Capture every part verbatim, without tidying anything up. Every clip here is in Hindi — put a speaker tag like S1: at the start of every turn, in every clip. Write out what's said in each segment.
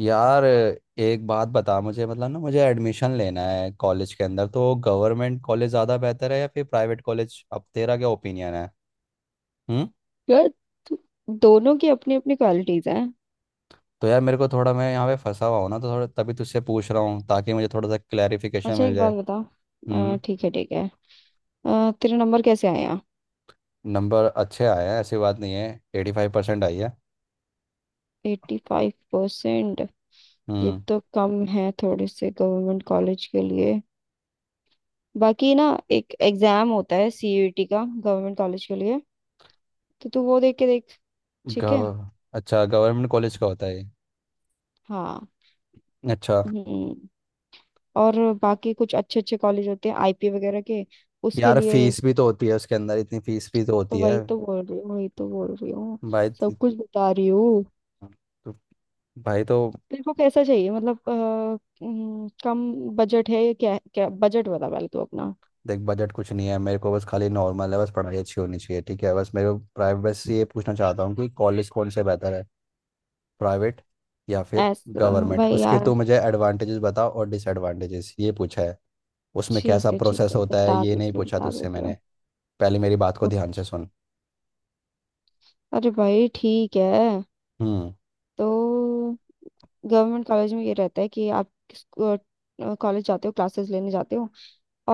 S1: यार एक बात बता मुझे, मतलब ना मुझे एडमिशन लेना है कॉलेज के अंदर, तो गवर्नमेंट कॉलेज ज़्यादा बेहतर है या फिर प्राइवेट कॉलेज? अब तेरा क्या ओपिनियन है? हम्म।
S2: यार, दोनों की अपनी अपनी क्वालिटीज हैं।
S1: तो यार मेरे को थोड़ा, मैं यहाँ पे फंसा हुआ हूँ ना, तो थोड़ा तभी तुझसे पूछ रहा हूँ ताकि मुझे थोड़ा सा क्लैरिफिकेशन
S2: अच्छा,
S1: मिल
S2: एक बात
S1: जाए।
S2: बता। अ,
S1: हम्म।
S2: ठीक है ठीक है। अ, तेरा नंबर कैसे आया?
S1: नंबर अच्छे आए हैं ऐसी बात नहीं है, एटी फाइव परसेंट आई है।
S2: Eighty five percent? ये
S1: हम्म।
S2: तो कम है थोड़े से गवर्नमेंट कॉलेज के लिए। बाकी ना, एक एग्जाम होता है सी यू ई टी का गवर्नमेंट कॉलेज के लिए। तो तू वो देख के देख। ठीक
S1: गव
S2: है।
S1: अच्छा, गवर्नमेंट कॉलेज का होता है ये।
S2: हाँ।
S1: अच्छा।
S2: हम्म। और बाकी कुछ अच्छे अच्छे कॉलेज होते हैं आई पी वगैरह के, उसके
S1: यार
S2: लिए।
S1: फीस भी तो होती है उसके अंदर, इतनी फीस भी तो
S2: तो
S1: होती
S2: वही
S1: है।
S2: तो बोल रही हूँ, वही तो बोल रही हूँ।
S1: भाई तो
S2: सब कुछ बता रही हूँ।
S1: भाई तो
S2: तेरे को कैसा चाहिए? मतलब अ, हम्म, कम बजट है या क्या? क्या बजट बता पहले तू अपना।
S1: देख, बजट कुछ नहीं है मेरे को, बस खाली नॉर्मल है, बस पढ़ाई अच्छी होनी चाहिए। ठीक है, बस मेरे को प्राइवेट से ये पूछना चाहता हूँ कि कॉलेज कौन से बेहतर है, प्राइवेट या फिर
S2: ऐसा।
S1: गवर्नमेंट?
S2: भाई
S1: उसके
S2: यार,
S1: तो मुझे एडवांटेजेस बताओ और डिसएडवांटेजेस, ये पूछा है। उसमें कैसा
S2: ठीक है ठीक
S1: प्रोसेस
S2: है।
S1: होता है
S2: बता
S1: ये नहीं
S2: देती हूँ
S1: पूछा
S2: बता
S1: तुझसे
S2: देती हूँ।
S1: मैंने। पहले मेरी बात को ध्यान से सुन।
S2: अरे भाई, ठीक है।
S1: हम्म।
S2: तो गवर्नमेंट कॉलेज में ये रहता है कि आप कॉलेज जाते हो, क्लासेस लेने जाते हो,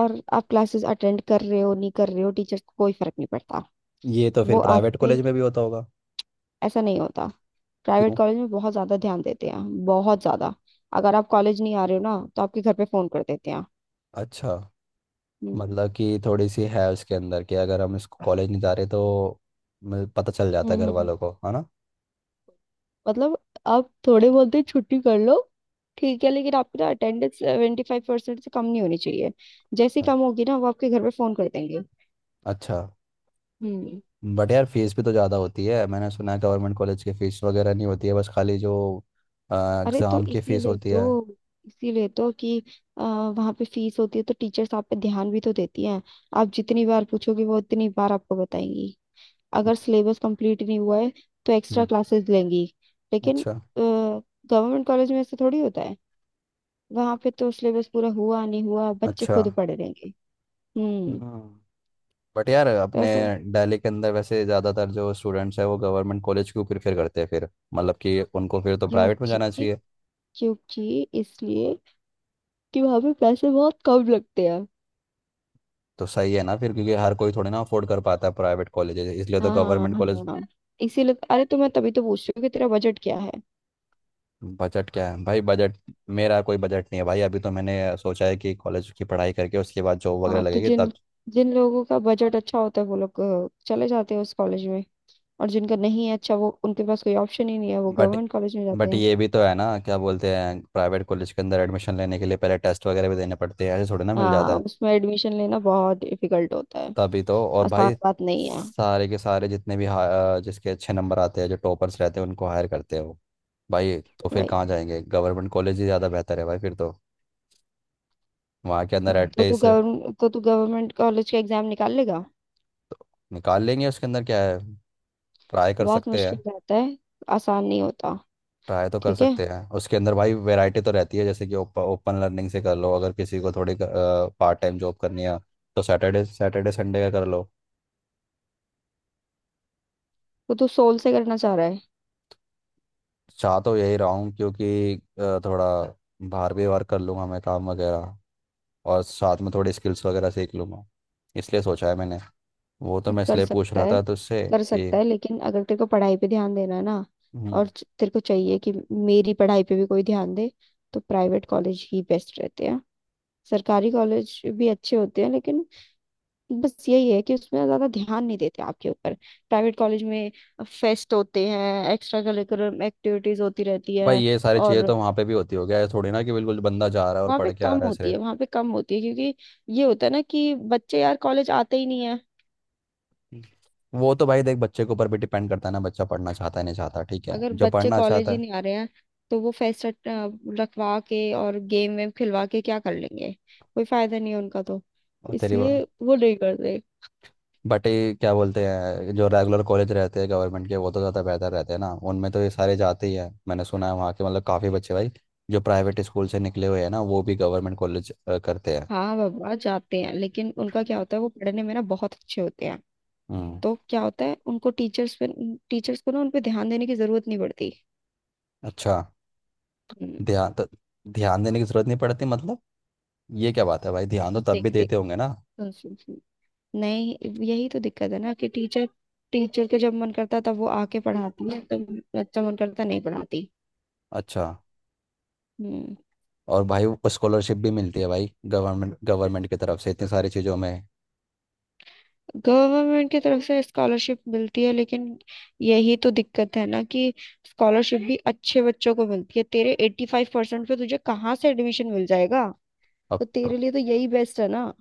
S2: और आप क्लासेस अटेंड कर रहे हो नहीं कर रहे हो, टीचर्स को कोई फर्क नहीं पड़ता।
S1: ये तो फिर
S2: वो आप
S1: प्राइवेट
S2: पे,
S1: कॉलेज में भी होता होगा।
S2: ऐसा नहीं होता। प्राइवेट
S1: क्यों?
S2: कॉलेज में बहुत ज्यादा ध्यान देते हैं, बहुत ज्यादा। अगर आप कॉलेज नहीं आ रहे हो ना, तो आपके घर पे फोन कर देते हैं।
S1: अच्छा।
S2: हम्म
S1: मतलब कि थोड़ी सी है उसके अंदर कि अगर हम इसको कॉलेज नहीं जा रहे तो मतलब पता चल जाता है
S2: हम्म,
S1: घर
S2: हम्म।
S1: वालों को, है ना?
S2: मतलब आप थोड़े बहुत दिन छुट्टी कर लो, ठीक है, लेकिन आपकी ना अटेंडेंस सेवेंटी फाइव परसेंट से कम नहीं होनी चाहिए। जैसे ही
S1: हाँ,
S2: कम होगी ना, वो आपके घर पे फोन कर देंगे।
S1: अच्छा।
S2: हम्म।
S1: बट यार फीस भी तो ज़्यादा होती है, मैंने सुना है गवर्नमेंट कॉलेज की फीस वगैरह नहीं होती है, बस खाली जो
S2: अरे तो
S1: एग्ज़ाम की फीस
S2: इसीलिए
S1: होती है।
S2: तो, इसीलिए तो कि आ, वहाँ पे फीस होती है तो टीचर्स आप पे ध्यान भी तो देती हैं। आप जितनी बार पूछोगे, वो उतनी बार आपको बताएंगी। अगर सिलेबस कंप्लीट नहीं हुआ है तो एक्स्ट्रा
S1: हम्म।
S2: क्लासेस लेंगी। लेकिन
S1: अच्छा।
S2: गवर्नमेंट कॉलेज में ऐसे थोड़ी होता है। वहां पे तो सिलेबस पूरा हुआ नहीं हुआ, बच्चे
S1: अच्छा।
S2: खुद पढ़ लेंगे। हम्म।
S1: हम्म। बट यार
S2: तो
S1: अपने
S2: ऐसा।
S1: दिल्ली के अंदर वैसे ज़्यादातर जो स्टूडेंट्स हैं वो गवर्नमेंट कॉलेज क्यों प्रेफर करते हैं फिर? मतलब कि उनको फिर तो प्राइवेट में जाना
S2: क्योंकि
S1: चाहिए।
S2: क्योंकि इसलिए कि वहां पे पैसे बहुत कम लगते हैं।
S1: तो सही है ना फिर, क्योंकि हर कोई थोड़ी ना अफोर्ड कर पाता है प्राइवेट कॉलेज, इसलिए तो
S2: हाँ
S1: गवर्नमेंट
S2: हाँ
S1: कॉलेज।
S2: हाँ। इसीलिए। अरे तो मैं तभी तो पूछ रही हूँ कि तेरा बजट क्या है।
S1: बजट क्या है भाई, बजट? मेरा कोई बजट नहीं है भाई, अभी तो मैंने सोचा है कि कॉलेज की पढ़ाई करके उसके बाद जॉब वगैरह
S2: हाँ, तो
S1: लगेगी
S2: जिन
S1: तब।
S2: जिन लोगों का बजट अच्छा होता है वो लोग अ, चले जाते हैं उस कॉलेज में, और जिनका नहीं है अच्छा, वो उनके पास कोई ऑप्शन ही नहीं है, वो
S1: बट
S2: गवर्नमेंट कॉलेज में जाते
S1: बट
S2: हैं।
S1: ये भी तो है ना, क्या बोलते हैं, प्राइवेट कॉलेज के अंदर एडमिशन लेने के लिए पहले टेस्ट वगैरह भी देने पड़ते हैं, ऐसे थोड़ी ना मिल जाता
S2: हाँ,
S1: है।
S2: उसमें एडमिशन लेना बहुत डिफिकल्ट होता है।
S1: तभी तो, और
S2: आसान
S1: भाई
S2: बात नहीं है
S1: सारे के सारे जितने भी हा- जिसके अच्छे नंबर आते हैं, जो टॉपर्स रहते हैं उनको हायर करते हैं वो। भाई तो फिर
S2: भाई।
S1: कहाँ जाएंगे, गवर्नमेंट कॉलेज ही ज़्यादा बेहतर है भाई फिर तो। वहाँ के अंदर एट
S2: तो तू गवर्न तो तू गवर्नमेंट कॉलेज का एग्जाम निकाल लेगा?
S1: निकाल लेंगे, उसके अंदर क्या है, ट्राई कर
S2: बहुत
S1: सकते
S2: मुश्किल
S1: हैं।
S2: रहता है, आसान नहीं होता।
S1: ट्राई तो कर
S2: ठीक है।
S1: सकते हैं उसके अंदर भाई, वैरायटी तो रहती है, जैसे कि ओपन लर्निंग से कर लो अगर किसी को थोड़ी पार्ट टाइम जॉब करनी है तो सैटरडे सैटरडे संडे का कर लो।
S2: तो तू सोल से करना चाह रहा है?
S1: चाह तो यही रहा हूँ क्योंकि अ, थोड़ा बाहर भी वर्क कर लूँगा मैं, काम वगैरह, और साथ में थोड़ी स्किल्स वगैरह सीख लूँगा, इसलिए सोचा है मैंने। वो तो
S2: तो
S1: मैं
S2: कर
S1: इसलिए पूछ
S2: सकता
S1: रहा
S2: है,
S1: था तुझसे
S2: कर
S1: कि।
S2: सकता है, लेकिन अगर तेरे को पढ़ाई पे ध्यान देना है ना,
S1: हम्म।
S2: और च- तेरे को चाहिए कि मेरी पढ़ाई पे भी कोई ध्यान दे, तो प्राइवेट कॉलेज ही बेस्ट रहते हैं। सरकारी कॉलेज भी अच्छे होते हैं, लेकिन बस यही है कि उसमें ज्यादा ध्यान नहीं देते आपके ऊपर। प्राइवेट कॉलेज में फेस्ट होते हैं, एक्स्ट्रा करिकुलर एक्टिविटीज होती रहती
S1: भाई
S2: है।
S1: ये सारी चीज़ें
S2: और
S1: तो वहाँ पे भी होती, हो गया है थोड़ी ना कि बिल्कुल बंदा जा रहा है और
S2: वहाँ पे
S1: पढ़ के आ
S2: कम
S1: रहा है
S2: होती
S1: सिर्फ।
S2: है, वहाँ पे कम होती है, क्योंकि ये होता है ना कि बच्चे यार कॉलेज आते ही नहीं है।
S1: वो तो भाई देख, बच्चे के ऊपर भी डिपेंड करता है ना, बच्चा पढ़ना चाहता है नहीं चाहता, ठीक है
S2: अगर
S1: जो
S2: बच्चे
S1: पढ़ना
S2: कॉलेज
S1: चाहता
S2: ही
S1: है।
S2: नहीं आ रहे हैं, तो वो फेस्ट रट- अ, रखवा के और गेम वेम खिलवा के क्या कर लेंगे? कोई फायदा नहीं है उनका तो।
S1: और तेरी।
S2: इसलिए वो नहीं करते।
S1: बट ये क्या बोलते हैं, जो रेगुलर कॉलेज रहते हैं गवर्नमेंट के, वो तो ज़्यादा बेहतर रहते हैं ना, उनमें तो ये सारे जाते ही हैं, मैंने सुना है वहाँ के मतलब काफ़ी बच्चे भाई जो प्राइवेट स्कूल से निकले हुए हैं ना वो भी गवर्नमेंट कॉलेज करते हैं।
S2: हाँ बाबा, जाते हैं, लेकिन उनका क्या होता है, वो पढ़ने में ना बहुत अच्छे होते हैं।
S1: हम्म।
S2: तो क्या होता है, उनको टीचर्स पे, टीचर्स को ना उन पे ध्यान देने की जरूरत नहीं पड़ती।
S1: अच्छा।
S2: हम्म।
S1: ध्यान तो ध्यान देने की ज़रूरत नहीं पड़ती, मतलब? ये क्या बात है भाई, ध्यान तो
S2: मतलब
S1: तब भी
S2: देख देख,
S1: देते होंगे ना।
S2: सुन सुन सुन, नहीं, यही तो दिक्कत है ना कि टीचर टीचर के जब मन करता तब वो आके पढ़ाती है, तब बच्चा मन करता नहीं पढ़ाती।
S1: अच्छा।
S2: हम्म।
S1: और भाई स्कॉलरशिप भी मिलती है भाई, गवर्नमेंट, गवर्नमेंट की तरफ से इतनी सारी चीज़ों में।
S2: गवर्नमेंट की तरफ से स्कॉलरशिप मिलती है, लेकिन यही तो दिक्कत है ना कि स्कॉलरशिप भी अच्छे बच्चों को मिलती है। तेरे एट्टी फाइव परसेंट पे तुझे कहाँ से एडमिशन मिल जाएगा? तो
S1: अब
S2: तेरे लिए तो यही बेस्ट है ना।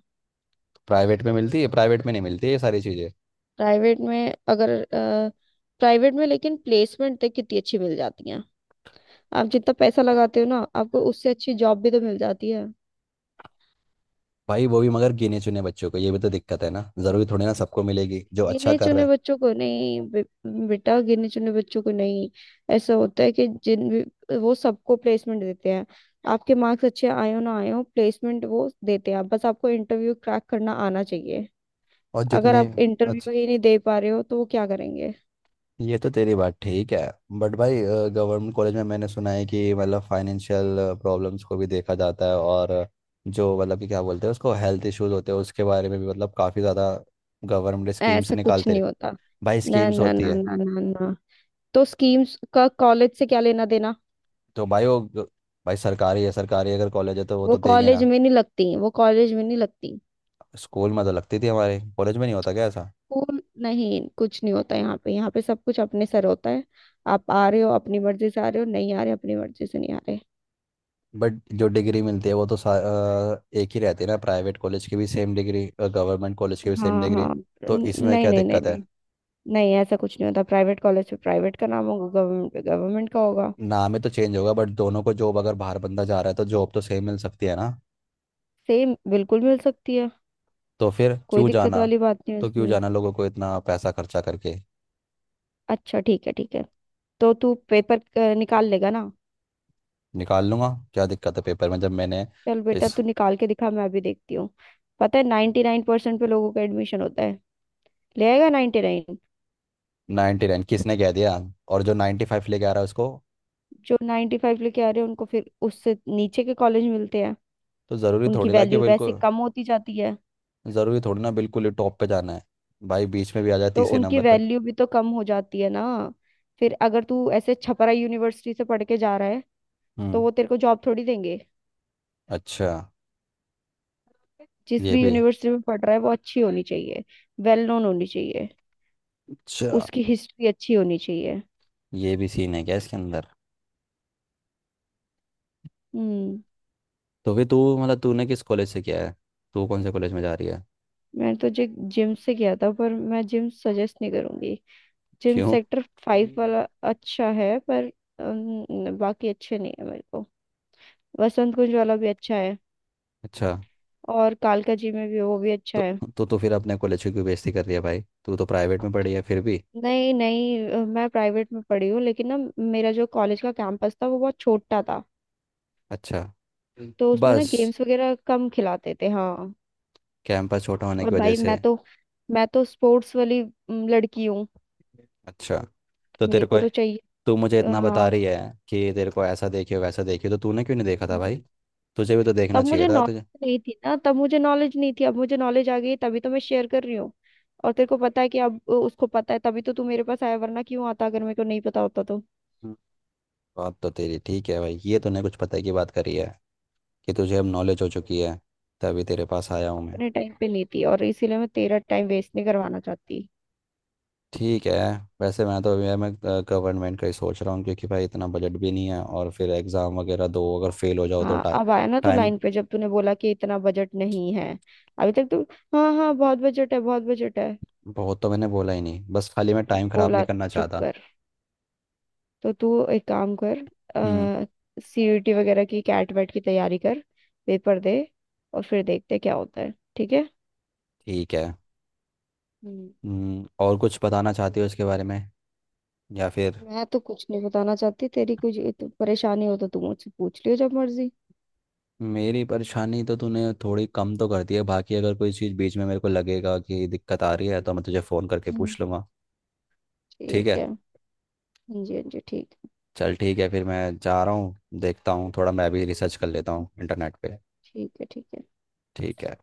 S1: प्राइवेट में मिलती है, प्राइवेट में नहीं मिलती है ये सारी चीज़ें।
S2: प्राइवेट में अगर प्राइवेट में, लेकिन प्लेसमेंट तक कितनी अच्छी मिल जाती है। आप जितना पैसा लगाते हो ना, आपको उससे अच्छी जॉब भी तो मिल जाती है।
S1: भाई वो भी मगर गिने चुने बच्चों को, ये भी तो दिक्कत है ना, ज़रूरी थोड़ी ना सबको मिलेगी जो अच्छा
S2: गिने
S1: कर रहा
S2: चुने
S1: है।
S2: बच्चों को नहीं बे, बेटा, गिने चुने बच्चों को नहीं। ऐसा होता है कि जिन भी- वो सबको प्लेसमेंट देते हैं। आपके मार्क्स अच्छे आए हो ना आए हो, प्लेसमेंट वो देते हैं, बस आपको इंटरव्यू क्रैक करना आना चाहिए।
S1: और
S2: अगर
S1: जितने।
S2: आप
S1: अच्छा,
S2: इंटरव्यू ही नहीं दे पा रहे हो तो वो क्या करेंगे?
S1: ये तो तेरी बात ठीक है। बट भाई गवर्नमेंट कॉलेज में मैंने सुना है कि मतलब फाइनेंशियल प्रॉब्लम्स को भी देखा जाता है, और जो मतलब कि क्या बोलते हैं, उसको हेल्थ इश्यूज होते हैं उसके बारे में भी मतलब काफ़ी ज़्यादा गवर्नमेंट स्कीम्स
S2: ऐसा कुछ
S1: निकालते
S2: नहीं
S1: रहे।
S2: होता।
S1: भाई
S2: ना
S1: स्कीम्स
S2: ना
S1: होती
S2: ना
S1: है।
S2: ना ना ना, तो स्कीम्स का कॉलेज से क्या लेना देना।
S1: तो भाई वो ग- भाई सरकारी है, सरकारी अगर कॉलेज है तो वो
S2: वो
S1: तो देंगे ना।
S2: कॉलेज में नहीं लगती, वो कॉलेज में नहीं लगती।
S1: स्कूल में तो लगती थी हमारे, कॉलेज में नहीं होता क्या ऐसा?
S2: स्कूल नहीं, कुछ नहीं होता। यहाँ पे, यहाँ पे सब कुछ अपने सर होता है। आप आ रहे हो अपनी मर्जी से आ रहे हो, नहीं आ रहे अपनी मर्जी से नहीं आ रहे।
S1: बट जो डिग्री मिलती है वो तो सा- अ, एक ही रहती है ना, प्राइवेट कॉलेज की भी सेम डिग्री और गवर्नमेंट कॉलेज की भी सेम
S2: हाँ
S1: डिग्री,
S2: हाँ। न-
S1: तो इसमें
S2: नहीं
S1: क्या
S2: नहीं नहीं
S1: दिक्कत है?
S2: नहीं। नहीं ऐसा कुछ नहीं होता। प्राइवेट कॉलेज पे प्राइवेट का नाम होगा, गवर्नमेंट पे गवर्नमेंट का होगा।
S1: नाम ही तो चेंज होगा, बट दोनों को जॉब अगर बाहर बंदा जा रहा है तो जॉब तो सेम मिल सकती है ना।
S2: सेम बिल्कुल मिल सकती है।
S1: तो फिर
S2: कोई
S1: क्यों
S2: दिक्कत
S1: जाना?
S2: वाली बात नहीं है
S1: तो क्यों
S2: उसमें।
S1: जाना लोगों को इतना पैसा खर्चा करके?
S2: अच्छा, ठीक है ठीक है। तो तू पेपर अ, निकाल लेगा ना?
S1: निकाल लूंगा, क्या दिक्कत है पेपर में जब मैंने।
S2: चल बेटा,
S1: इस।
S2: तू निकाल के दिखा, मैं अभी देखती हूँ। पता है नाइन्टी नाइन परसेंट पे लोगों का एडमिशन होता है। ले आएगा नाइन्टी नाइन?
S1: नाइन्टी नाइन किसने कह दिया? और जो नाइन्टी फाइव लेके आ रहा है उसको?
S2: जो नाइन्टी फाइव लेके आ रहे हैं उनको फिर उससे नीचे के कॉलेज मिलते हैं।
S1: तो ज़रूरी
S2: उनकी
S1: थोड़ी ना कि
S2: वैल्यू वैसे
S1: बिल्कुल,
S2: कम होती जाती है।
S1: ज़रूरी थोड़ी ना बिल्कुल ही टॉप पे जाना है, भाई बीच में भी आ जाए
S2: तो
S1: तीसरे
S2: उनकी
S1: नंबर पर।
S2: वैल्यू भी तो कम हो जाती है ना। फिर अगर तू ऐसे छपरा यूनिवर्सिटी से पढ़ के जा रहा है, तो
S1: हम्म।
S2: वो तेरे को जॉब थोड़ी देंगे।
S1: अच्छा।
S2: जिस
S1: ये
S2: भी
S1: भी
S2: यूनिवर्सिटी में पढ़ रहा है, वो अच्छी होनी चाहिए, वेल नोन होनी चाहिए,
S1: अच्छा
S2: उसकी हिस्ट्री अच्छी होनी चाहिए।
S1: ये भी सीन है क्या इसके अंदर?
S2: हम्म।
S1: तो फिर तू मतलब तूने किस कॉलेज से किया है, तू कौन से कॉलेज में जा रही है?
S2: मैंने तो जे जिम से किया था, पर मैं जिम सजेस्ट नहीं करूंगी। जिम
S1: क्यों?
S2: सेक्टर फाइव वाला अच्छा है, पर अम, बाकी अच्छे नहीं है मेरे को। वसंत कुंज वाला भी अच्छा है,
S1: अच्छा।
S2: और कालका जी में भी वो भी अच्छा
S1: तो
S2: है।
S1: तो तो फिर अपने कॉलेज की क्यों बेइज्जती कर रही है भाई, तू तो प्राइवेट में पढ़ी है फिर भी।
S2: नहीं नहीं, अ, मैं प्राइवेट में पढ़ी हूँ, लेकिन ना, मेरा जो कॉलेज का कैंपस था वो बहुत छोटा था।
S1: अच्छा।
S2: तो उसमें ना
S1: बस
S2: गेम्स वगैरह कम खिलाते थे, हाँ।
S1: कैंपस छोटा होने
S2: और
S1: की वजह
S2: भाई, मैं
S1: से?
S2: तो मैं तो स्पोर्ट्स वाली अम, लड़की हूँ।
S1: अच्छा। तो तेरे
S2: मेरे को
S1: को,
S2: तो चाहिए।
S1: तू मुझे
S2: अ,
S1: इतना बता
S2: हाँ।
S1: रही है कि तेरे को ऐसा देखियो वैसा देखियो, तो तूने क्यों नहीं देखा था
S2: हम्म।
S1: भाई? तुझे भी तो देखना
S2: तब
S1: चाहिए
S2: मुझे
S1: था
S2: नॉलेज
S1: तुझे।
S2: नहीं थी ना, तब मुझे नॉलेज नहीं थी, अब मुझे नॉलेज आ गई तभी तो मैं शेयर कर रही हूँ। और तेरे को पता है कि अब अ, उसको पता है तभी तो तू मेरे पास आया, वरना क्यों आता अगर मेरे को नहीं पता होता तो।
S1: हम्म। बात तो तेरी ठीक है भाई, ये तूने कुछ पता की बात करी है कि तुझे अब नॉलेज हो चुकी है, तभी तेरे पास आया हूँ मैं।
S2: अपने टाइम पे नहीं थी, और इसीलिए मैं तेरा टाइम वेस्ट नहीं करवाना चाहती।
S1: ठीक है। वैसे मैं तो अभी, मैं गवर्नमेंट का ही सोच रहा हूँ क्योंकि भाई इतना बजट भी नहीं है, और फिर एग्ज़ाम वगैरह दो अगर फेल हो जाओ तो
S2: हाँ,
S1: टा,
S2: अब आया ना तू
S1: टाइम।
S2: लाइन पे, जब तूने बोला कि इतना बजट नहीं है। अभी तक तू हाँ हाँ बहुत बजट है बहुत बजट है
S1: बहुत तो मैंने बोला ही नहीं, बस खाली मैं टाइम ख़राब
S2: बोला।
S1: नहीं करना
S2: चुप
S1: चाहता।
S2: कर। तो तू एक काम कर,
S1: हम्म।
S2: सी यू टी वगैरह की कैट वैट की तैयारी कर, पेपर दे, और फिर देखते क्या होता है, ठीक है।
S1: ठीक है।
S2: हम्म।
S1: हम्म, और कुछ बताना चाहती हो इसके बारे में या फिर?
S2: मैं तो कुछ नहीं बताना चाहती। तेरी कुछ तो परेशानी हो तो तू मुझसे पूछ लियो जब मर्जी।
S1: मेरी परेशानी तो तूने थोड़ी कम तो कर दी है, बाकी अगर कोई चीज़ बीच में मेरे को लगेगा कि दिक्कत आ रही है तो मैं तुझे फ़ोन करके
S2: हम्म,
S1: पूछ लूँगा। ठीक
S2: ठीक
S1: है।
S2: है। हाँ जी हाँ जी, ठीक।
S1: चल ठीक है, फिर मैं जा रहा हूँ, देखता हूँ, थोड़ा मैं भी रिसर्च कर लेता हूँ इंटरनेट पे।
S2: ठीक है ठीक है।
S1: ठीक है।